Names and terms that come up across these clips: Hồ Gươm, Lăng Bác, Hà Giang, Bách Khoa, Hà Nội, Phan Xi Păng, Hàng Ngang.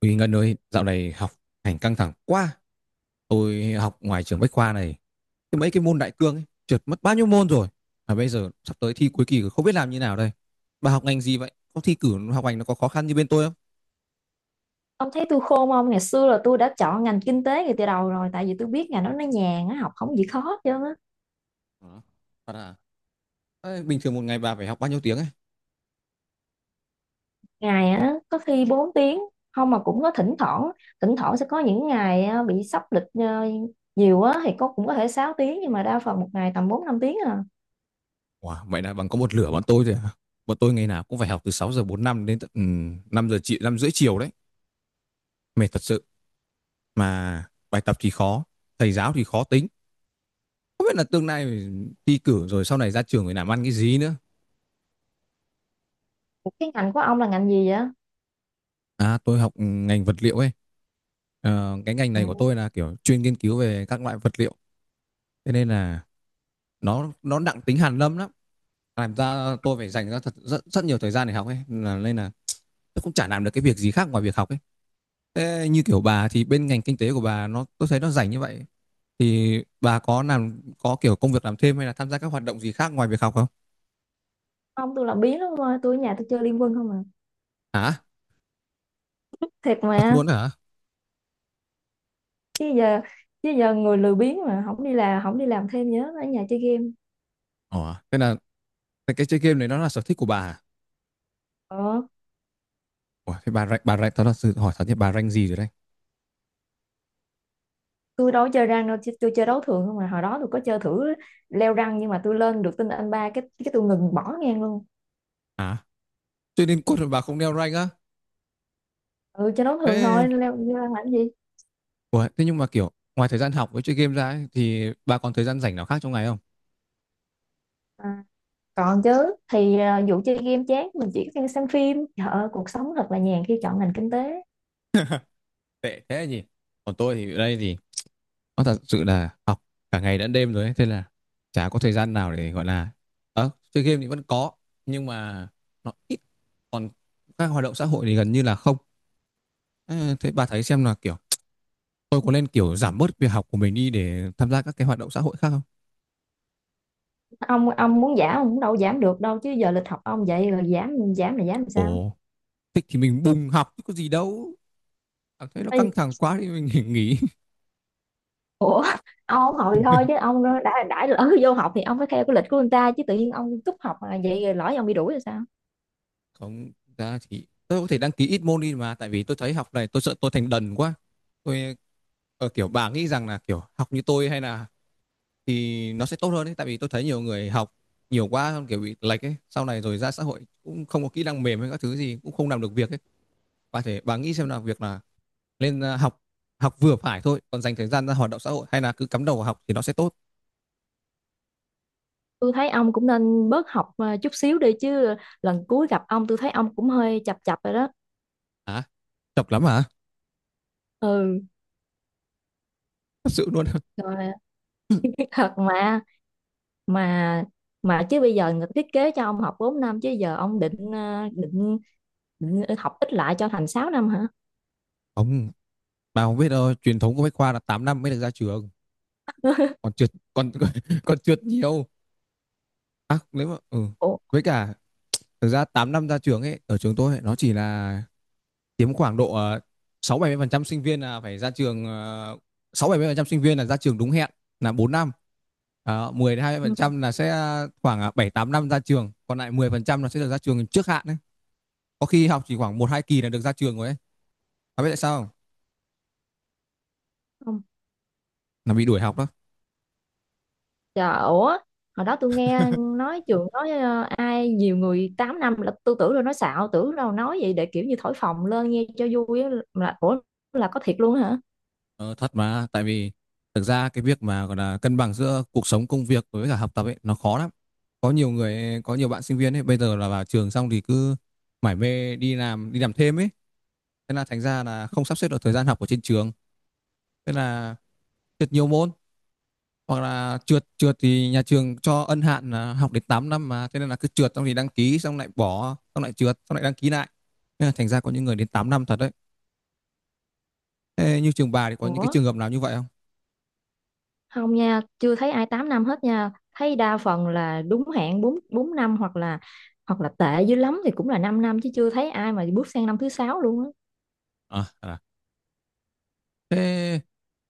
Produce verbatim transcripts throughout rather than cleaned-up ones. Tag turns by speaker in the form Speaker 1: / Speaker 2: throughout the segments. Speaker 1: Uy Ngân ơi, dạo này học hành căng thẳng quá. Tôi học ngoài trường Bách Khoa này, cái mấy cái môn đại cương ấy, trượt mất bao nhiêu môn rồi. Mà bây giờ sắp tới thi cuối kỳ rồi, không biết làm như nào đây. Bà học ngành gì vậy? Có thi cử học hành nó có khó khăn như bên tôi không?
Speaker 2: Ông thấy tôi khôn không? Ngày xưa là tôi đã chọn ngành kinh tế ngay từ đầu rồi tại vì tôi biết ngành đó nó nhàn á, học không gì khó chứ.
Speaker 1: Hả? Thật à? Ê, bình thường một ngày bà phải học bao nhiêu tiếng ấy?
Speaker 2: Ngày á có khi bốn tiếng, không mà cũng có thỉnh thoảng, thỉnh thoảng sẽ có những ngày á, bị sắp lịch ờ, nhiều á thì có cũng có thể sáu tiếng nhưng mà đa phần một ngày tầm bốn năm tiếng à.
Speaker 1: Wow, vậy là bằng có một lửa bọn tôi rồi à? Bọn tôi ngày nào cũng phải học từ sáu giờ 45 đến tận ừ, năm giờ chị năm rưỡi chiều đấy. Mệt thật sự. Mà bài tập thì khó, thầy giáo thì khó tính. Không biết là tương lai thi cử rồi sau này ra trường phải làm ăn cái gì nữa.
Speaker 2: Ủa, cái ngành của ông là ngành gì vậy?
Speaker 1: À, tôi học ngành vật liệu ấy. Ờ, cái ngành
Speaker 2: Ừ.
Speaker 1: này của tôi là kiểu chuyên nghiên cứu về các loại vật liệu. Thế nên là nó nó nặng tính hàn lâm lắm. Làm ra tôi phải dành ra thật rất, rất nhiều thời gian để học ấy. Là, nên là tôi cũng chả làm được cái việc gì khác ngoài việc học ấy. Thế như kiểu bà thì bên ngành kinh tế của bà nó tôi thấy nó rảnh như vậy thì bà có làm có kiểu công việc làm thêm hay là tham gia các hoạt động gì khác ngoài việc học không?
Speaker 2: Ông tôi làm biến lắm thôi, tôi ở nhà tôi chơi Liên Quân không à.
Speaker 1: Hả?
Speaker 2: Thiệt
Speaker 1: Thật
Speaker 2: mà.
Speaker 1: luôn hả?
Speaker 2: Chứ giờ chứ giờ người lười biếng mà không đi làm, không đi làm thêm nhớ ở nhà chơi game.
Speaker 1: Ồ, thế là cái chơi game này nó là sở thích của bà à?
Speaker 2: Ờ.
Speaker 1: Ủa, thế bà rank, bà rank, tao thật sự hỏi thật nhé, bà rank gì rồi đây?
Speaker 2: Tôi đâu có chơi răng đâu chứ tôi chơi đấu thường không mà hồi đó tôi có chơi thử leo răng nhưng mà tôi lên được tinh anh ba cái cái tôi ngừng bỏ ngang luôn.
Speaker 1: À, chơi đến cốt mà bà không đeo rank á.
Speaker 2: Ừ, chơi đấu thường
Speaker 1: Thế,
Speaker 2: thôi leo leo răng làm cái gì.
Speaker 1: ủa, thế nhưng mà kiểu, ngoài thời gian học với chơi game ra ấy, thì bà còn thời gian rảnh nào khác trong ngày không?
Speaker 2: À, còn chứ thì à, vụ chơi game chán mình chỉ có xem phim. Trời ơi, cuộc sống thật là nhàn khi chọn ngành kinh tế.
Speaker 1: Tệ thế gì. Còn tôi thì ở đây thì nó thật sự là học cả ngày lẫn đêm rồi ấy, thế là chả có thời gian nào để gọi là ờ, chơi game thì vẫn có, nhưng mà nó ít, còn các hoạt động xã hội thì gần như là không. Ờ, thế bà thấy xem là kiểu, tôi có nên kiểu giảm bớt việc học của mình đi để tham gia các cái hoạt động xã hội khác không?
Speaker 2: Ông ông muốn giảm ông cũng đâu giảm được đâu chứ giờ lịch học ông vậy rồi giảm giảm là giảm làm sao.
Speaker 1: Ồ, thích thì mình bùng học chứ có gì đâu, cảm thấy nó
Speaker 2: Ê,
Speaker 1: căng thẳng quá thì mình nghỉ.
Speaker 2: ủa, ông không học thì thôi chứ ông đã đã lỡ vô học thì ông phải theo cái lịch của người ta chứ tự nhiên ông cúp học mà vậy rồi lỡ ông bị đuổi rồi sao?
Speaker 1: Không ra thì tôi có thể đăng ký ít môn đi mà tại vì tôi thấy học này tôi sợ tôi thành đần quá. tôi ờ, kiểu bà nghĩ rằng là kiểu học như tôi hay là thì nó sẽ tốt hơn ấy tại vì tôi thấy nhiều người học nhiều quá kiểu bị lệch ấy sau này rồi ra xã hội cũng không có kỹ năng mềm hay các thứ gì cũng không làm được việc ấy. Bà thể bà nghĩ xem là việc là nên ờ, học học vừa phải thôi còn dành thời gian ra hoạt động xã hội hay là cứ cắm đầu vào học thì nó sẽ tốt.
Speaker 2: Tôi thấy ông cũng nên bớt học à, chút xíu đi chứ. Lần cuối gặp ông tôi thấy ông cũng hơi chập chập rồi đó.
Speaker 1: Hả? Chọc lắm hả?
Speaker 2: Ừ,
Speaker 1: Thật sự luôn.
Speaker 2: rồi thật mà mà mà chứ bây giờ người ta thiết kế cho ông học bốn năm chứ giờ ông định à, định, định học ít lại cho thành sáu năm hả?
Speaker 1: Không, bà không biết đâu, truyền thống của Bách Khoa là tám năm mới được ra trường. Còn trượt còn còn trượt nhiều. À, nếu mà ừ.
Speaker 2: Ủa.
Speaker 1: Với cả thực ra tám năm ra trường ấy, ở trường tôi ấy, nó chỉ là chiếm khoảng độ ờ, sáu bảy mươi phần trăm sinh viên là phải ra trường ờ, sáu bảy mươi phần trăm sinh viên là ra trường đúng hẹn là bốn năm. Đó, mười đến hai mươi phần
Speaker 2: Ừ.
Speaker 1: trăm là sẽ khoảng ờ, bảy tám năm ra trường, còn lại mười phần trăm là sẽ được ra trường trước hạn đấy. Có khi học chỉ khoảng một hai kỳ là được ra trường rồi ấy. Bà biết tại sao không?
Speaker 2: Không.
Speaker 1: Là bị đuổi học đó.
Speaker 2: Trời, ủa hồi đó tôi nghe nói trường nói ờ, ai nhiều người tám năm là tôi tưởng rồi nói xạo, tưởng đâu nói vậy để kiểu như thổi phồng lên nghe cho vui á, là ủa, là có thiệt luôn hả?
Speaker 1: Ờ, thật mà tại vì thực ra cái việc mà gọi là cân bằng giữa cuộc sống công việc với cả học tập ấy nó khó lắm, có nhiều người có nhiều bạn sinh viên ấy bây giờ là vào trường xong thì cứ mải mê đi làm đi làm thêm ấy, thế là thành ra là không sắp xếp được thời gian học ở trên trường, thế là trượt nhiều môn, hoặc là trượt trượt thì nhà trường cho ân hạn là học đến tám năm mà thế nên là cứ trượt xong thì đăng ký xong lại bỏ xong lại trượt xong lại đăng ký lại, thế là thành ra có những người đến tám năm thật đấy. Thế như trường bà thì có những cái
Speaker 2: Ủa,
Speaker 1: trường hợp nào như vậy không?
Speaker 2: không nha, chưa thấy ai tám năm hết nha. Thấy đa phần là đúng hạn bốn bốn năm, hoặc là hoặc là tệ dữ lắm thì cũng là 5 năm năm, chứ chưa thấy ai mà bước sang năm thứ sáu luôn á.
Speaker 1: À, à. Thế,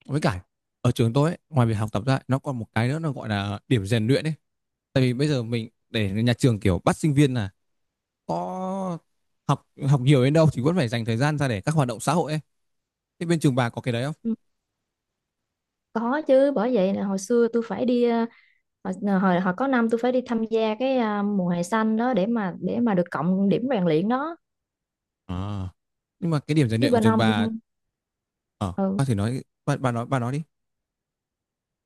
Speaker 1: với cả ở trường tôi ấy, ngoài việc học tập ra nó còn một cái nữa nó gọi là điểm rèn luyện ấy. Tại vì bây giờ mình để nhà trường kiểu bắt sinh viên là có học học nhiều đến đâu thì vẫn phải dành thời gian ra để các hoạt động xã hội ấy. Thế bên trường bà có cái đấy không?
Speaker 2: Ừ, có chứ, bởi vậy là hồi xưa tôi phải đi ờ, hồi ờ, hồi, hồi có năm tôi phải đi tham gia cái ờ, mùa hè xanh đó để mà để mà được cộng điểm rèn luyện đó.
Speaker 1: À. Nhưng mà cái điểm rèn
Speaker 2: Chứ
Speaker 1: luyện của
Speaker 2: bên
Speaker 1: trường
Speaker 2: ông
Speaker 1: bà, ờ
Speaker 2: ừ,
Speaker 1: bà thử nói bà, bà nói bà nói đi.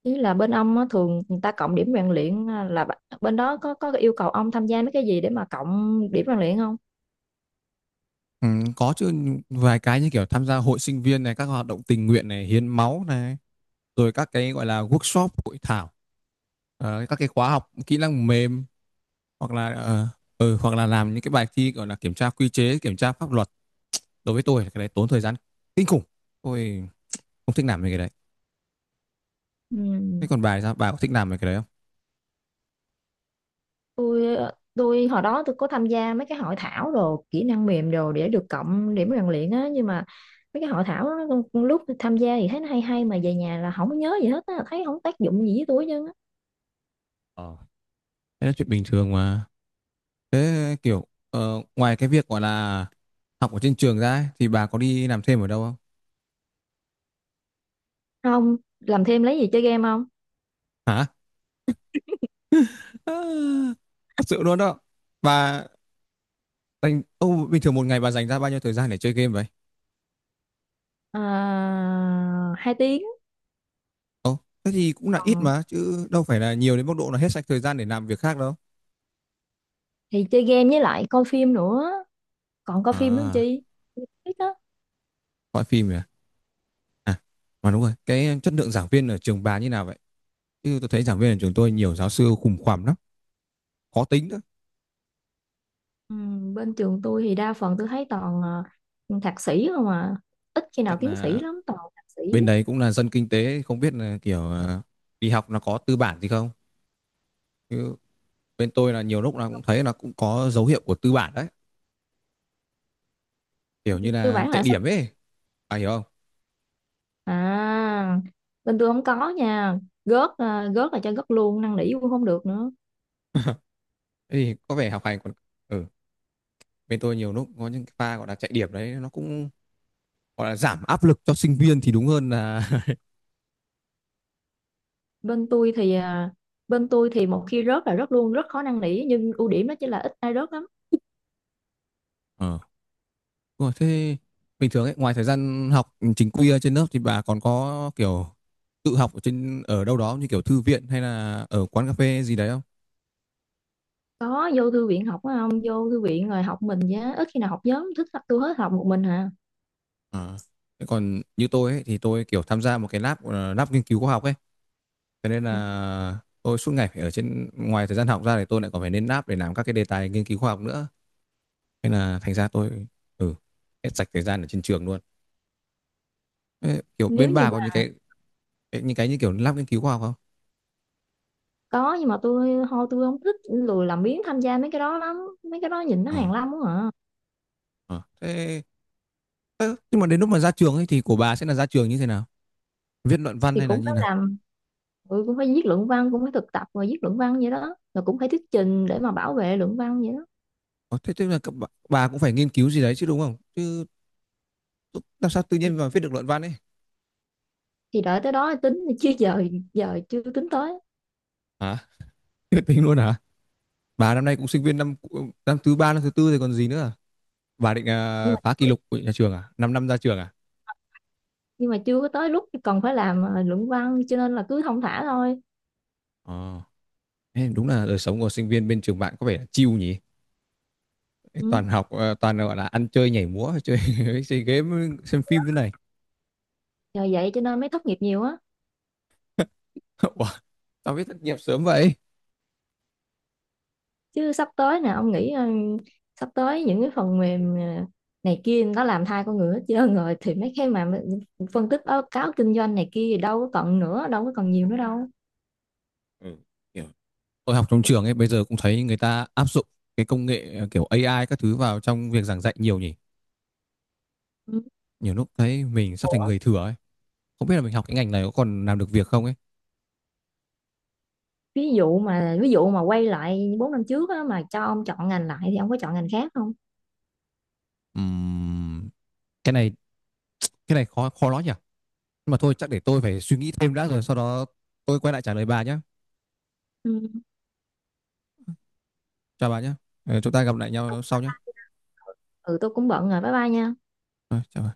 Speaker 2: Chứ là bên ông á, thường người ta cộng điểm rèn luyện ờ, là b- bên đó có có yêu cầu ông tham gia mấy cái gì để mà cộng điểm rèn luyện không?
Speaker 1: Ừ, có chứ, vài cái như kiểu tham gia hội sinh viên này, các hoạt động tình nguyện này, hiến máu này, rồi các cái gọi là workshop, hội thảo, ờ, các cái khóa học kỹ năng mềm, hoặc là ờ, ừ, hoặc là làm những cái bài thi gọi là kiểm tra quy chế kiểm tra pháp luật. Đối với tôi là cái đấy tốn thời gian kinh khủng, tôi không thích làm mấy cái đấy. Thế
Speaker 2: Ừ.
Speaker 1: còn bà thì sao, bà có thích làm mấy cái đấy không?
Speaker 2: tôi tôi hồi đó tôi có tham gia mấy cái hội thảo đồ kỹ năng mềm đồ để được cộng điểm rèn luyện á. Nhưng mà mấy cái hội thảo đó, lúc tham gia thì thấy nó hay hay mà về nhà là không có nhớ gì hết á, thấy không tác dụng gì với tôi chứ.
Speaker 1: Ờ, thế là chuyện bình thường mà. Thế kiểu ờ, ngoài cái việc gọi là học ở trên trường ra ấy, thì bà có đi làm thêm ở đâu không?
Speaker 2: Không làm thêm lấy gì chơi game không?
Speaker 1: Hả? À, thật sự luôn đó. Bà dành ô bình thường một ngày bà dành ra bao nhiêu thời gian để chơi game vậy?
Speaker 2: À, hai tiếng.
Speaker 1: Ồ, thế thì cũng là ít
Speaker 2: Còn
Speaker 1: mà chứ đâu phải là nhiều đến mức độ là hết sạch thời gian để làm việc khác đâu.
Speaker 2: thì chơi game với lại coi phim nữa, còn coi phim nữa làm
Speaker 1: À,
Speaker 2: chi ít đó.
Speaker 1: coi phim nhỉ. À, mà đúng rồi, cái chất lượng giảng viên ở trường bà như nào vậy? Chứ tôi thấy giảng viên ở trường tôi nhiều giáo sư khủng khoằm lắm, khó tính nữa.
Speaker 2: Ừ, bên trường tôi thì đa phần tôi thấy toàn ờ, thạc sĩ không à, ít khi nào
Speaker 1: Chắc
Speaker 2: tiến sĩ
Speaker 1: là
Speaker 2: lắm, toàn thạc sĩ
Speaker 1: bên đấy cũng là dân kinh tế, không biết là kiểu ờ, đi học nó có tư bản gì không? Chứ bên tôi là nhiều lúc là cũng thấy là cũng có dấu hiệu của tư bản đấy, kiểu như
Speaker 2: cơ
Speaker 1: là
Speaker 2: bản
Speaker 1: chạy
Speaker 2: là.
Speaker 1: điểm ấy, à hiểu không?
Speaker 2: À, bên tôi không có nha. Gớt à, gớt là cho gớt luôn, năn nỉ cũng không được nữa.
Speaker 1: Thế thì có vẻ học hành còn ừ, bên tôi nhiều lúc có những cái pha gọi là chạy điểm đấy nó cũng gọi là giảm áp lực cho sinh viên thì đúng hơn là.
Speaker 2: Bên tôi thì à, Bên tôi thì một khi rớt là rớt luôn, rất khó năn nỉ nhưng ưu điểm đó chính là ít ai rớt lắm.
Speaker 1: Ờ. Đúng rồi, thế bình thường ấy, ngoài thời gian học chính quy ở trên lớp thì bà còn có kiểu tự học ở trên ở đâu đó như kiểu thư viện hay là ở quán cà phê gì đấy không?
Speaker 2: Có vô thư viện học á không? Vô thư viện rồi học, mình giá ít khi nào học nhóm, thích học tôi hết, học một mình hả?
Speaker 1: À. Thế còn như tôi ấy, thì tôi kiểu tham gia một cái lab ờ, lab nghiên cứu khoa học ấy, cho nên
Speaker 2: Ừ.
Speaker 1: là tôi suốt ngày phải ở trên ngoài thời gian học ra thì tôi lại còn phải lên lab để làm các cái đề tài nghiên cứu khoa học nữa. Nên là thành ra tôi ừ hết sạch thời gian ở trên trường luôn. Thế, kiểu
Speaker 2: Nếu
Speaker 1: bên
Speaker 2: như
Speaker 1: bà có những
Speaker 2: mà
Speaker 1: cái những cái như kiểu lab nghiên cứu khoa học không?
Speaker 2: có nhưng mà tôi thôi, tôi không thích, lười làm biếng tham gia mấy cái đó lắm, mấy cái đó nhìn nó
Speaker 1: Ờ.
Speaker 2: hàn lâm quá à.
Speaker 1: Ờ. Thế, ơ, nhưng mà đến lúc mà ra trường ấy thì của bà sẽ là ra trường như thế nào? Viết luận văn
Speaker 2: Thì
Speaker 1: hay là
Speaker 2: cũng
Speaker 1: như
Speaker 2: phải
Speaker 1: nào?
Speaker 2: làm, ừ, cũng phải viết luận văn, cũng phải thực tập rồi viết luận văn vậy đó, rồi cũng phải thuyết trình để mà bảo vệ luận văn vậy đó.
Speaker 1: Ờ, thế tức là các bà, bà cũng phải nghiên cứu gì đấy chứ đúng không? Chứ làm sao tự nhiên mà viết được luận văn ấy?
Speaker 2: Thì đợi tới đó tính chứ giờ giờ chưa tính tới.
Speaker 1: Hả? Tuyệt tình luôn hả? Bà năm nay cũng sinh viên năm năm thứ ba, năm thứ tư rồi còn gì nữa? À? Bà định
Speaker 2: nhưng
Speaker 1: à,
Speaker 2: mà
Speaker 1: phá kỷ lục của nhà trường à? Năm năm ra trường à?
Speaker 2: nhưng mà chưa có tới lúc còn phải làm ờ, luận văn cho nên là cứ thong thả thôi.
Speaker 1: Ờ. Thế đúng là đời sống của sinh viên bên trường bạn có vẻ là chill nhỉ?
Speaker 2: Ừ.
Speaker 1: Toàn học, ờ, toàn gọi là ăn chơi nhảy múa, chơi, chơi game, xem phim thế này.
Speaker 2: Nhờ vậy cho nên mới thất nghiệp nhiều á.
Speaker 1: Ủa, tao biết thất nghiệp sớm vậy?
Speaker 2: Chứ sắp tới nè ông nghĩ ờ, sắp tới những cái phần mềm ờ, này kia nó làm thay con người hết trơn rồi thì mấy cái mà phân tích báo cáo kinh doanh này kia thì đâu có còn nữa, đâu có còn nhiều nữa đâu.
Speaker 1: Ừ. Hiểu. Tôi học trong trường ấy bây giờ cũng thấy người ta áp dụng cái công nghệ ờ, kiểu a i các thứ vào trong việc giảng dạy nhiều nhỉ.
Speaker 2: Ừ.
Speaker 1: Nhiều lúc thấy mình sắp thành
Speaker 2: Ủa,
Speaker 1: người thừa ấy, không biết là mình học cái ngành này có còn làm được việc không ấy.
Speaker 2: ví dụ mà ví dụ mà quay lại bốn năm trước á, mà cho ông chọn ngành lại thì ông có chọn ngành khác không?
Speaker 1: Ừm, cái này cái này khó khó nói nhỉ, nhưng mà thôi chắc để tôi phải suy nghĩ thêm đã rồi sau đó tôi quay lại trả lời bà nhé.
Speaker 2: Ừ,
Speaker 1: Chào bà nhé. Ờ, chúng ta gặp lại nhau sau nhé.
Speaker 2: ừ, tôi cũng bận rồi, bye bye nha.
Speaker 1: Ờ, chào bà.